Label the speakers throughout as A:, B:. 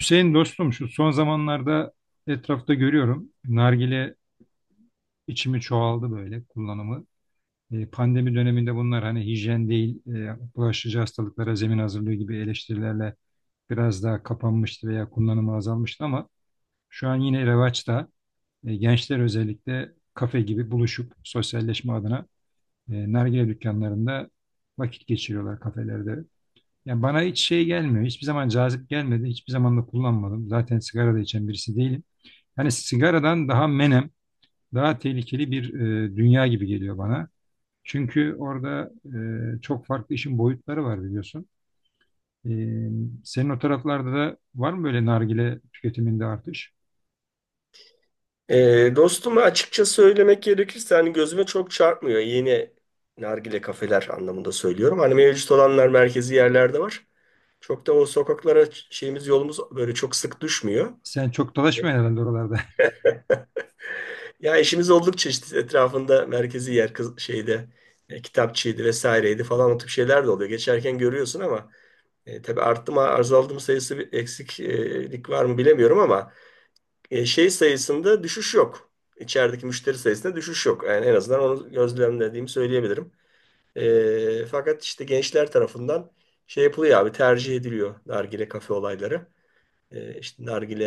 A: Hüseyin dostum şu son zamanlarda etrafta görüyorum. Nargile içimi çoğaldı böyle kullanımı. Pandemi döneminde bunlar hani hijyen değil, bulaşıcı hastalıklara zemin hazırlığı gibi eleştirilerle biraz daha kapanmıştı veya kullanımı azalmıştı ama şu an yine revaçta. Gençler özellikle kafe gibi buluşup sosyalleşme adına nargile dükkanlarında vakit geçiriyorlar kafelerde. Yani bana hiç şey gelmiyor. Hiçbir zaman cazip gelmedi. Hiçbir zaman da kullanmadım. Zaten sigara da içen birisi değilim. Hani sigaradan daha menem, daha tehlikeli bir dünya gibi geliyor bana. Çünkü orada çok farklı işin boyutları var biliyorsun. E, Senin o taraflarda da var mı böyle nargile tüketiminde artış?
B: Dostum açıkça söylemek gerekirse hani gözüme çok çarpmıyor. Yeni nargile kafeler anlamında söylüyorum. Hani mevcut olanlar merkezi yerlerde var. Çok da o sokaklara şeyimiz yolumuz böyle çok sık düşmüyor.
A: Sen çok dolaşmıyorsun herhalde oralarda.
B: Ya işimiz oldukça işte etrafında merkezi yer şeyde kitapçıydı vesaireydi falan o tip şeyler de oluyor. Geçerken görüyorsun ama tabii arttı mı azaldı mı sayısı bir eksiklik var mı bilemiyorum ama şey sayısında düşüş yok. İçerideki müşteri sayısında düşüş yok. Yani en azından onu gözlemlediğimi söyleyebilirim. Fakat işte gençler tarafından şey yapılıyor abi, tercih ediliyor nargile kafe olayları. E, işte nargile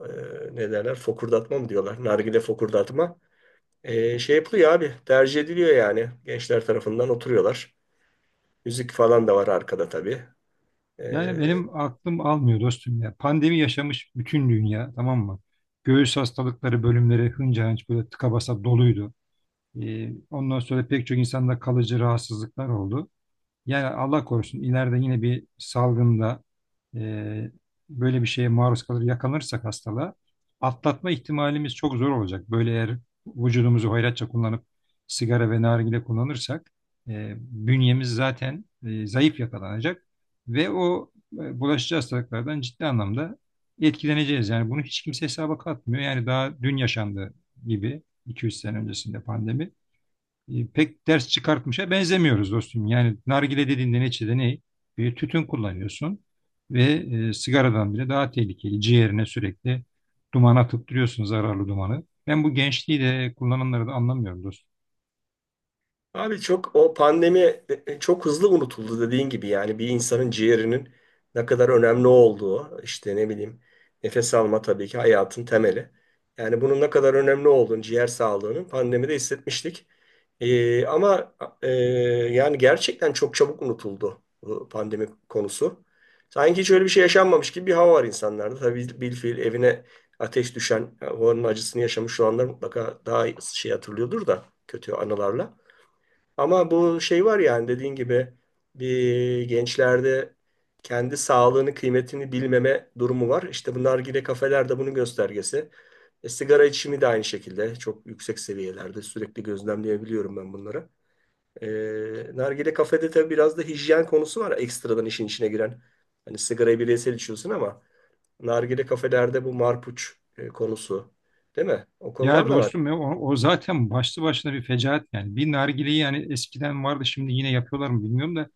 B: e, Ne derler, fokurdatma mı diyorlar? Nargile fokurdatma. Şey yapılıyor abi, tercih ediliyor yani. Gençler tarafından oturuyorlar. Müzik falan da var arkada tabii. E,
A: Yani benim aklım almıyor dostum ya. Pandemi yaşamış bütün dünya, tamam mı? Göğüs hastalıkları bölümleri hınca hınç böyle tıka basa doluydu. Ondan sonra pek çok insanda kalıcı rahatsızlıklar oldu. Yani Allah korusun ileride yine bir salgında e, böyle bir şeye maruz kalır, yakalanırsak hastalığa atlatma ihtimalimiz çok zor olacak. Böyle eğer vücudumuzu hoyratça kullanıp sigara ve nargile kullanırsak bünyemiz zaten zayıf yakalanacak ve o bulaşıcı hastalıklardan ciddi anlamda etkileneceğiz. Yani bunu hiç kimse hesaba katmıyor. Yani daha dün yaşandı gibi iki üç sene öncesinde pandemi, pek ders çıkartmışa benzemiyoruz dostum. Yani nargile dediğinde neticede ne? Bir tütün kullanıyorsun ve sigaradan bile daha tehlikeli. Ciğerine sürekli duman atıp duruyorsun, zararlı dumanı. Ben bu gençliği de kullananları da anlamıyorum dostum.
B: Abi çok o pandemi çok hızlı unutuldu dediğin gibi. Yani bir insanın ciğerinin ne kadar önemli olduğu, işte ne bileyim, nefes alma tabii ki hayatın temeli. Yani bunun ne kadar önemli olduğunu, ciğer sağlığının, pandemide hissetmiştik. E, ama e, Yani gerçekten çok çabuk unutuldu bu pandemi konusu. Sanki hiç öyle bir şey yaşanmamış gibi bir hava var insanlarda. Tabii bilfiil evine ateş düşen, onun acısını yaşamış olanlar mutlaka daha şey hatırlıyordur, da kötü anılarla. Ama bu şey var yani, dediğin gibi bir gençlerde kendi sağlığını, kıymetini bilmeme durumu var. İşte bu nargile kafeler de bunun göstergesi. Sigara içimi de aynı şekilde çok yüksek seviyelerde, sürekli gözlemleyebiliyorum ben bunları. E, Nargile kafede tabii biraz da hijyen konusu var, ekstradan işin içine giren. Hani sigarayı bireysel içiyorsun ama nargile kafelerde bu marpuç konusu, değil mi? O
A: Ya
B: konular da var.
A: dostum ya, o zaten başlı başına bir fecaat yani. Bir nargileyi, yani eskiden vardı şimdi yine yapıyorlar mı bilmiyorum da,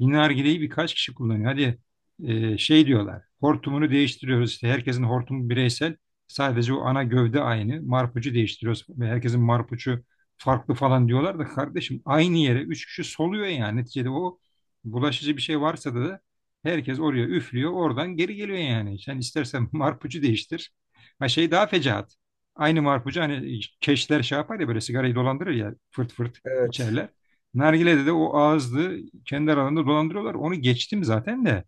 A: bir nargileyi birkaç kişi kullanıyor. Hadi şey diyorlar, hortumunu değiştiriyoruz işte, herkesin hortumu bireysel, sadece o ana gövde aynı, marpucu değiştiriyoruz ve herkesin marpucu farklı falan diyorlar da, kardeşim aynı yere üç kişi soluyor yani. Neticede o, bulaşıcı bir şey varsa da herkes oraya üflüyor, oradan geri geliyor yani. Sen istersen marpucu değiştir. Ha şey daha fecaat. Aynı marpucu hani keşler şey yapar ya, böyle sigarayı dolandırır ya, fırt fırt
B: Evet.
A: içerler. Nargile'de de o ağızlı kendi aralarında dolandırıyorlar. Onu geçtim zaten de.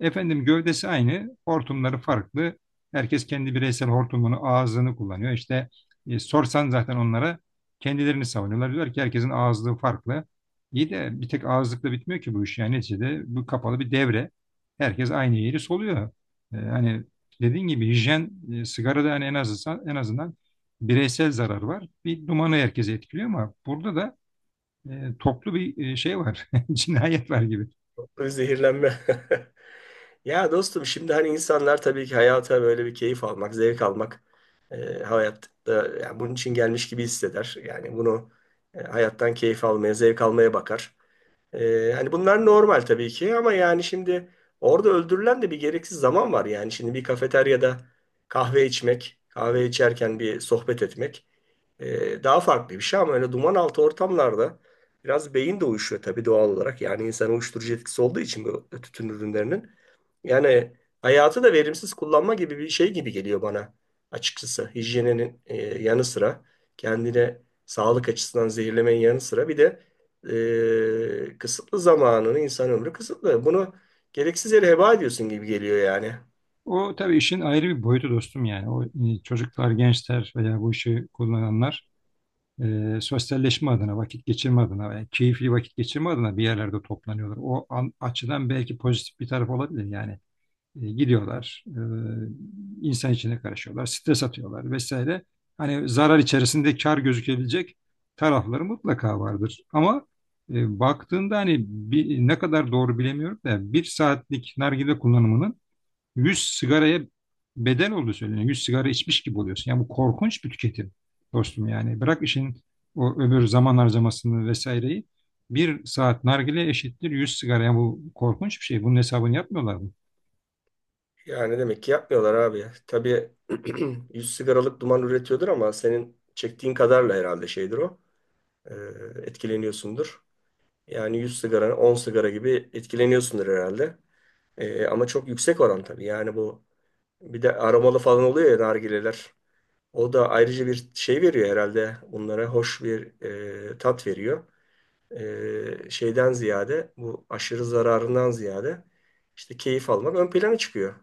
A: Efendim, gövdesi aynı, hortumları farklı. Herkes kendi bireysel hortumunu, ağzını kullanıyor. İşte sorsan zaten onlara, kendilerini savunuyorlar. Diyorlar ki herkesin ağızlığı farklı. İyi de bir tek ağızlıkla bitmiyor ki bu iş. Yani neticede bu kapalı bir devre. Herkes aynı yeri soluyor. Hani dediğin gibi hijyen, sigarada hani en azından, en azından bireysel zarar var. Bir dumanı herkesi etkiliyor, ama burada da toplu bir şey var. Cinayet var gibi.
B: Zehirlenme. Ya dostum, şimdi hani insanlar tabii ki hayata böyle bir keyif almak, zevk almak hayatta, yani bunun için gelmiş gibi hisseder. Yani bunu hayattan keyif almaya, zevk almaya bakar. Hani bunlar normal tabii ki, ama yani şimdi orada öldürülen de bir gereksiz zaman var. Yani şimdi bir kafeteryada kahve içmek, kahve içerken bir sohbet etmek daha farklı bir şey, ama öyle duman altı ortamlarda biraz beyin de uyuşuyor tabii, doğal olarak. Yani insan, uyuşturucu etkisi olduğu için bu tütün ürünlerinin. Yani hayatı da verimsiz kullanma gibi bir şey gibi geliyor bana açıkçası. Hijyeninin yanı sıra, kendine sağlık açısından zehirlemenin yanı sıra, bir de kısıtlı zamanını, insan ömrü kısıtlı. Bunu gereksiz yere heba ediyorsun gibi geliyor yani.
A: O tabii işin ayrı bir boyutu dostum yani. O çocuklar, gençler veya bu işi kullananlar sosyalleşme adına, vakit geçirme adına veya keyifli vakit geçirme adına bir yerlerde toplanıyorlar. O an- açıdan belki pozitif bir taraf olabilir yani. Gidiyorlar, insan içine karışıyorlar, stres atıyorlar vesaire. Hani zarar içerisinde kar gözükebilecek tarafları mutlaka vardır. Ama baktığında hani bir, ne kadar doğru bilemiyorum da, bir saatlik nargile kullanımının 100 sigaraya bedel olduğu söyleniyor. 100 sigara içmiş gibi oluyorsun. Yani bu korkunç bir tüketim dostum yani. Bırak işin o öbür zaman harcamasını vesaireyi. Bir saat nargile eşittir 100 sigara. Yani bu korkunç bir şey. Bunun hesabını yapmıyorlar mı?
B: Yani demek ki yapmıyorlar abi. Tabii 100 sigaralık duman üretiyordur, ama senin çektiğin kadarla herhalde şeydir o. E, Etkileniyorsundur. Yani 100 sigara, 10 sigara gibi etkileniyorsundur herhalde. Ama çok yüksek oran tabii. Yani bu, bir de aromalı falan oluyor ya nargileler. O da ayrıca bir şey veriyor herhalde. Bunlara hoş bir tat veriyor. Şeyden ziyade, bu aşırı zararından ziyade işte keyif almak ön plana çıkıyor.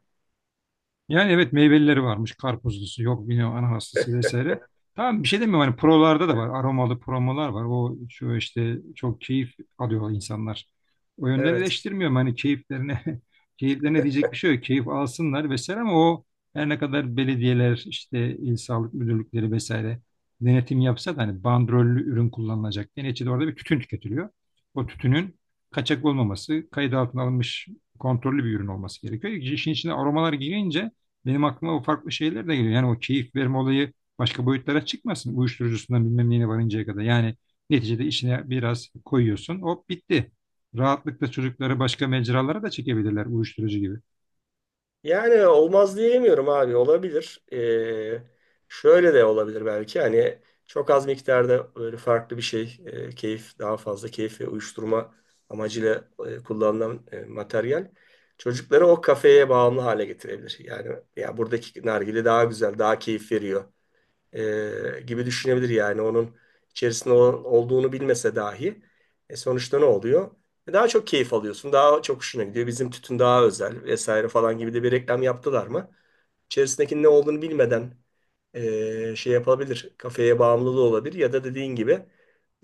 A: Yani evet, meyvelileri varmış. Karpuzlusu yok bilmiyorum, ananaslısı vesaire. Tamam, bir şey demiyorum. Hani prolarda da var. Aromalı promolar var. O şu işte, çok keyif alıyor insanlar. O yönden
B: Evet.
A: eleştirmiyorum. Hani keyiflerine keyiflerine diyecek bir şey yok. Keyif alsınlar vesaire, ama o her ne kadar belediyeler işte il sağlık müdürlükleri vesaire denetim yapsa da hani bandrollü ürün kullanılacak. Yani neticede orada bir tütün tüketiliyor. O tütünün kaçak olmaması, kayıt altına alınmış kontrollü bir ürün olması gerekiyor. İşin içine aromalar girince benim aklıma o farklı şeyler de geliyor. Yani o keyif verme olayı başka boyutlara çıkmasın. Uyuşturucusundan bilmem neyine varıncaya kadar. Yani neticede işine biraz koyuyorsun, hop bitti. Rahatlıkla çocukları başka mecralara da çekebilirler, uyuşturucu gibi.
B: Yani olmaz diyemiyorum abi, olabilir. Şöyle de olabilir belki, hani çok az miktarda böyle farklı bir şey, keyif, daha fazla keyif ve uyuşturma amacıyla kullanılan materyal, çocukları o kafeye bağımlı hale getirebilir. Yani ya buradaki nargile daha güzel, daha keyif veriyor gibi düşünebilir yani, onun içerisinde olduğunu bilmese dahi sonuçta ne oluyor? Daha çok keyif alıyorsun, daha çok hoşuna gidiyor. Bizim tütün daha özel vesaire falan gibi de bir reklam yaptılar mı? İçerisindeki ne olduğunu bilmeden şey yapabilir, kafeye bağımlılığı olabilir, ya da dediğin gibi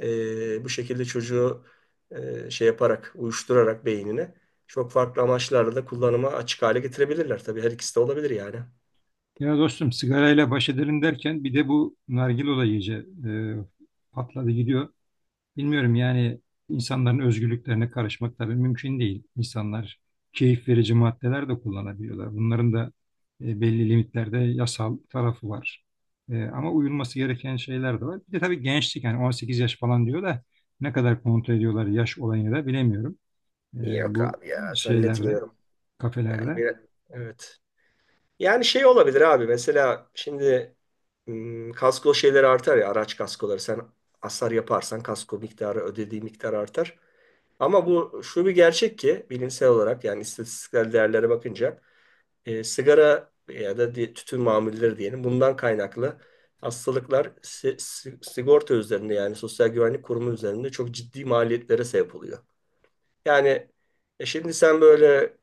B: bu şekilde çocuğu şey yaparak, uyuşturarak beynini çok farklı amaçlarla da kullanıma açık hale getirebilirler. Tabii her ikisi de olabilir yani.
A: Ya dostum, sigarayla baş edelim derken bir de bu nargile olayı iyice patladı gidiyor. Bilmiyorum yani, insanların özgürlüklerine karışmak tabii mümkün değil. İnsanlar keyif verici maddeler de kullanabiliyorlar. Bunların da belli limitlerde yasal tarafı var. Ama uyulması gereken şeyler de var. Bir de tabii gençlik, yani 18 yaş falan diyor da ne kadar kontrol ediyorlar yaş olayını da bilemiyorum.
B: Yok
A: Bu
B: abi ya,
A: şeylerde,
B: zannetmiyorum. Yani
A: kafelerde.
B: bir, evet. Yani şey olabilir abi, mesela şimdi kasko şeyleri artar ya, araç kaskoları, sen hasar yaparsan kasko miktarı, ödediği miktar artar. Ama bu şu bir gerçek ki, bilimsel olarak yani istatistiksel değerlere bakınca sigara ya da tütün mamulleri diyelim, bundan kaynaklı hastalıklar sigorta üzerinde, yani Sosyal Güvenlik Kurumu üzerinde çok ciddi maliyetlere sebep oluyor. Yani şimdi sen böyle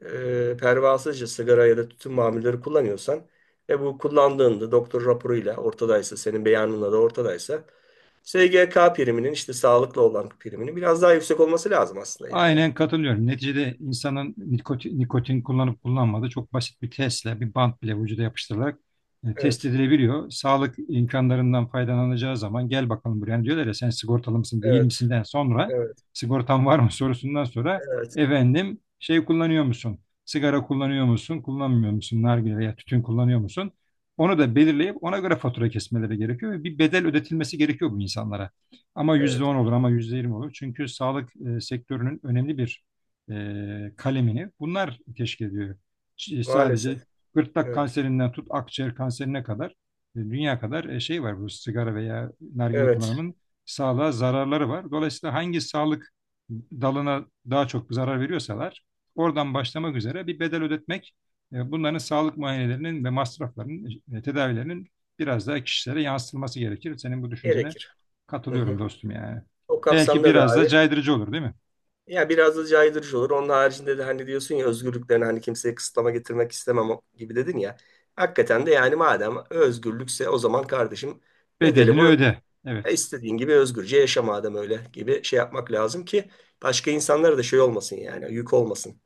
B: pervasızca sigara ya da tütün mamulleri kullanıyorsan ve bu kullandığında doktor raporuyla ortadaysa, senin beyanınla da ortadaysa SGK priminin, işte sağlıklı olan priminin biraz daha yüksek olması lazım aslında yani.
A: Aynen katılıyorum. Neticede insanın nikotin kullanıp kullanmadığı çok basit bir testle, bir bant bile vücuda yapıştırılarak test
B: Evet,
A: edilebiliyor. Sağlık imkanlarından faydalanacağı zaman gel bakalım buraya. Yani diyorlar ya, sen sigortalı mısın değil
B: evet,
A: misinden sonra
B: evet,
A: sigortan var mı sorusundan sonra
B: evet,
A: efendim, şey kullanıyor musun? Sigara kullanıyor musun? Kullanmıyor musun? Nargile veya tütün kullanıyor musun? Onu da belirleyip ona göre fatura kesmeleri gerekiyor ve bir bedel ödetilmesi gerekiyor bu insanlara. Ama yüzde
B: evet.
A: on olur, ama %20 olur. Çünkü sağlık sektörünün önemli bir kalemini bunlar teşkil ediyor. Sadece
B: Maalesef.
A: gırtlak
B: Evet,
A: kanserinden tut akciğer kanserine kadar dünya kadar şey var, bu sigara veya nargile
B: evet.
A: kullanımının sağlığa zararları var. Dolayısıyla hangi sağlık dalına daha çok zarar veriyorsalar oradan başlamak üzere bir bedel ödetmek, bunların sağlık muayenelerinin ve masraflarının, tedavilerinin biraz daha kişilere yansıtılması gerekir. Senin bu düşüncene
B: Gerekir. Hı
A: katılıyorum
B: hı.
A: dostum yani.
B: O
A: Belki
B: kapsamda da
A: biraz da
B: abi,
A: caydırıcı olur değil mi?
B: ya biraz da caydırıcı olur. Onun haricinde de hani diyorsun ya, özgürlüklerini hani kimseye kısıtlama getirmek istemem gibi dedin ya. Hakikaten de yani, madem özgürlükse, o zaman kardeşim bedeli
A: Bedelini
B: bu.
A: öde. Evet.
B: İstediğin gibi özgürce yaşa madem, öyle gibi şey yapmak lazım ki başka insanlara da şey olmasın, yani yük olmasın.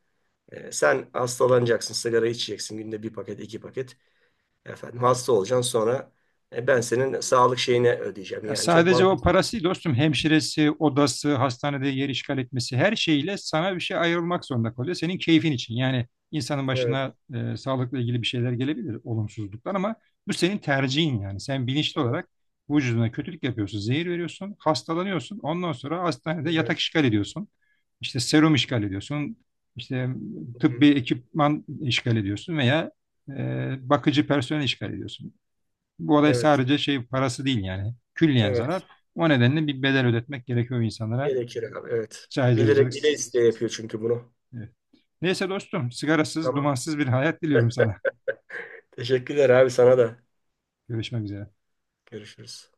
B: Sen hastalanacaksın, sigara içeceksin günde bir paket, iki paket. Efendim hasta olacaksın, sonra ben senin sağlık şeyini ödeyeceğim.
A: Ya
B: Yani çok
A: sadece o
B: mantıklı.
A: parası değil dostum, hemşiresi, odası, hastanede yer işgal etmesi, her şeyle sana bir şey ayrılmak zorunda kalıyor. Senin keyfin için. Yani insanın
B: Evet,
A: başına sağlıkla ilgili bir şeyler gelebilir, olumsuzluklar, ama bu senin tercihin yani. Sen bilinçli
B: evet,
A: olarak vücuduna kötülük yapıyorsun, zehir veriyorsun, hastalanıyorsun. Ondan sonra hastanede
B: evet.
A: yatak işgal ediyorsun. İşte serum işgal ediyorsun. İşte
B: Hı
A: tıbbi
B: hı.
A: ekipman işgal ediyorsun veya bakıcı personel işgal ediyorsun. Bu olay
B: Evet,
A: sadece şey parası değil yani. Külliyen
B: evet.
A: zarar. O nedenle bir bedel ödetmek gerekiyor insanlara.
B: Gerekir abi, evet. Bilerek,
A: Caydırıcılık.
B: bile isteye yapıyor çünkü bunu.
A: Evet. Neyse dostum, sigarasız,
B: Tamam.
A: dumansız bir hayat diliyorum sana.
B: Teşekkürler abi, sana da.
A: Görüşmek üzere.
B: Görüşürüz.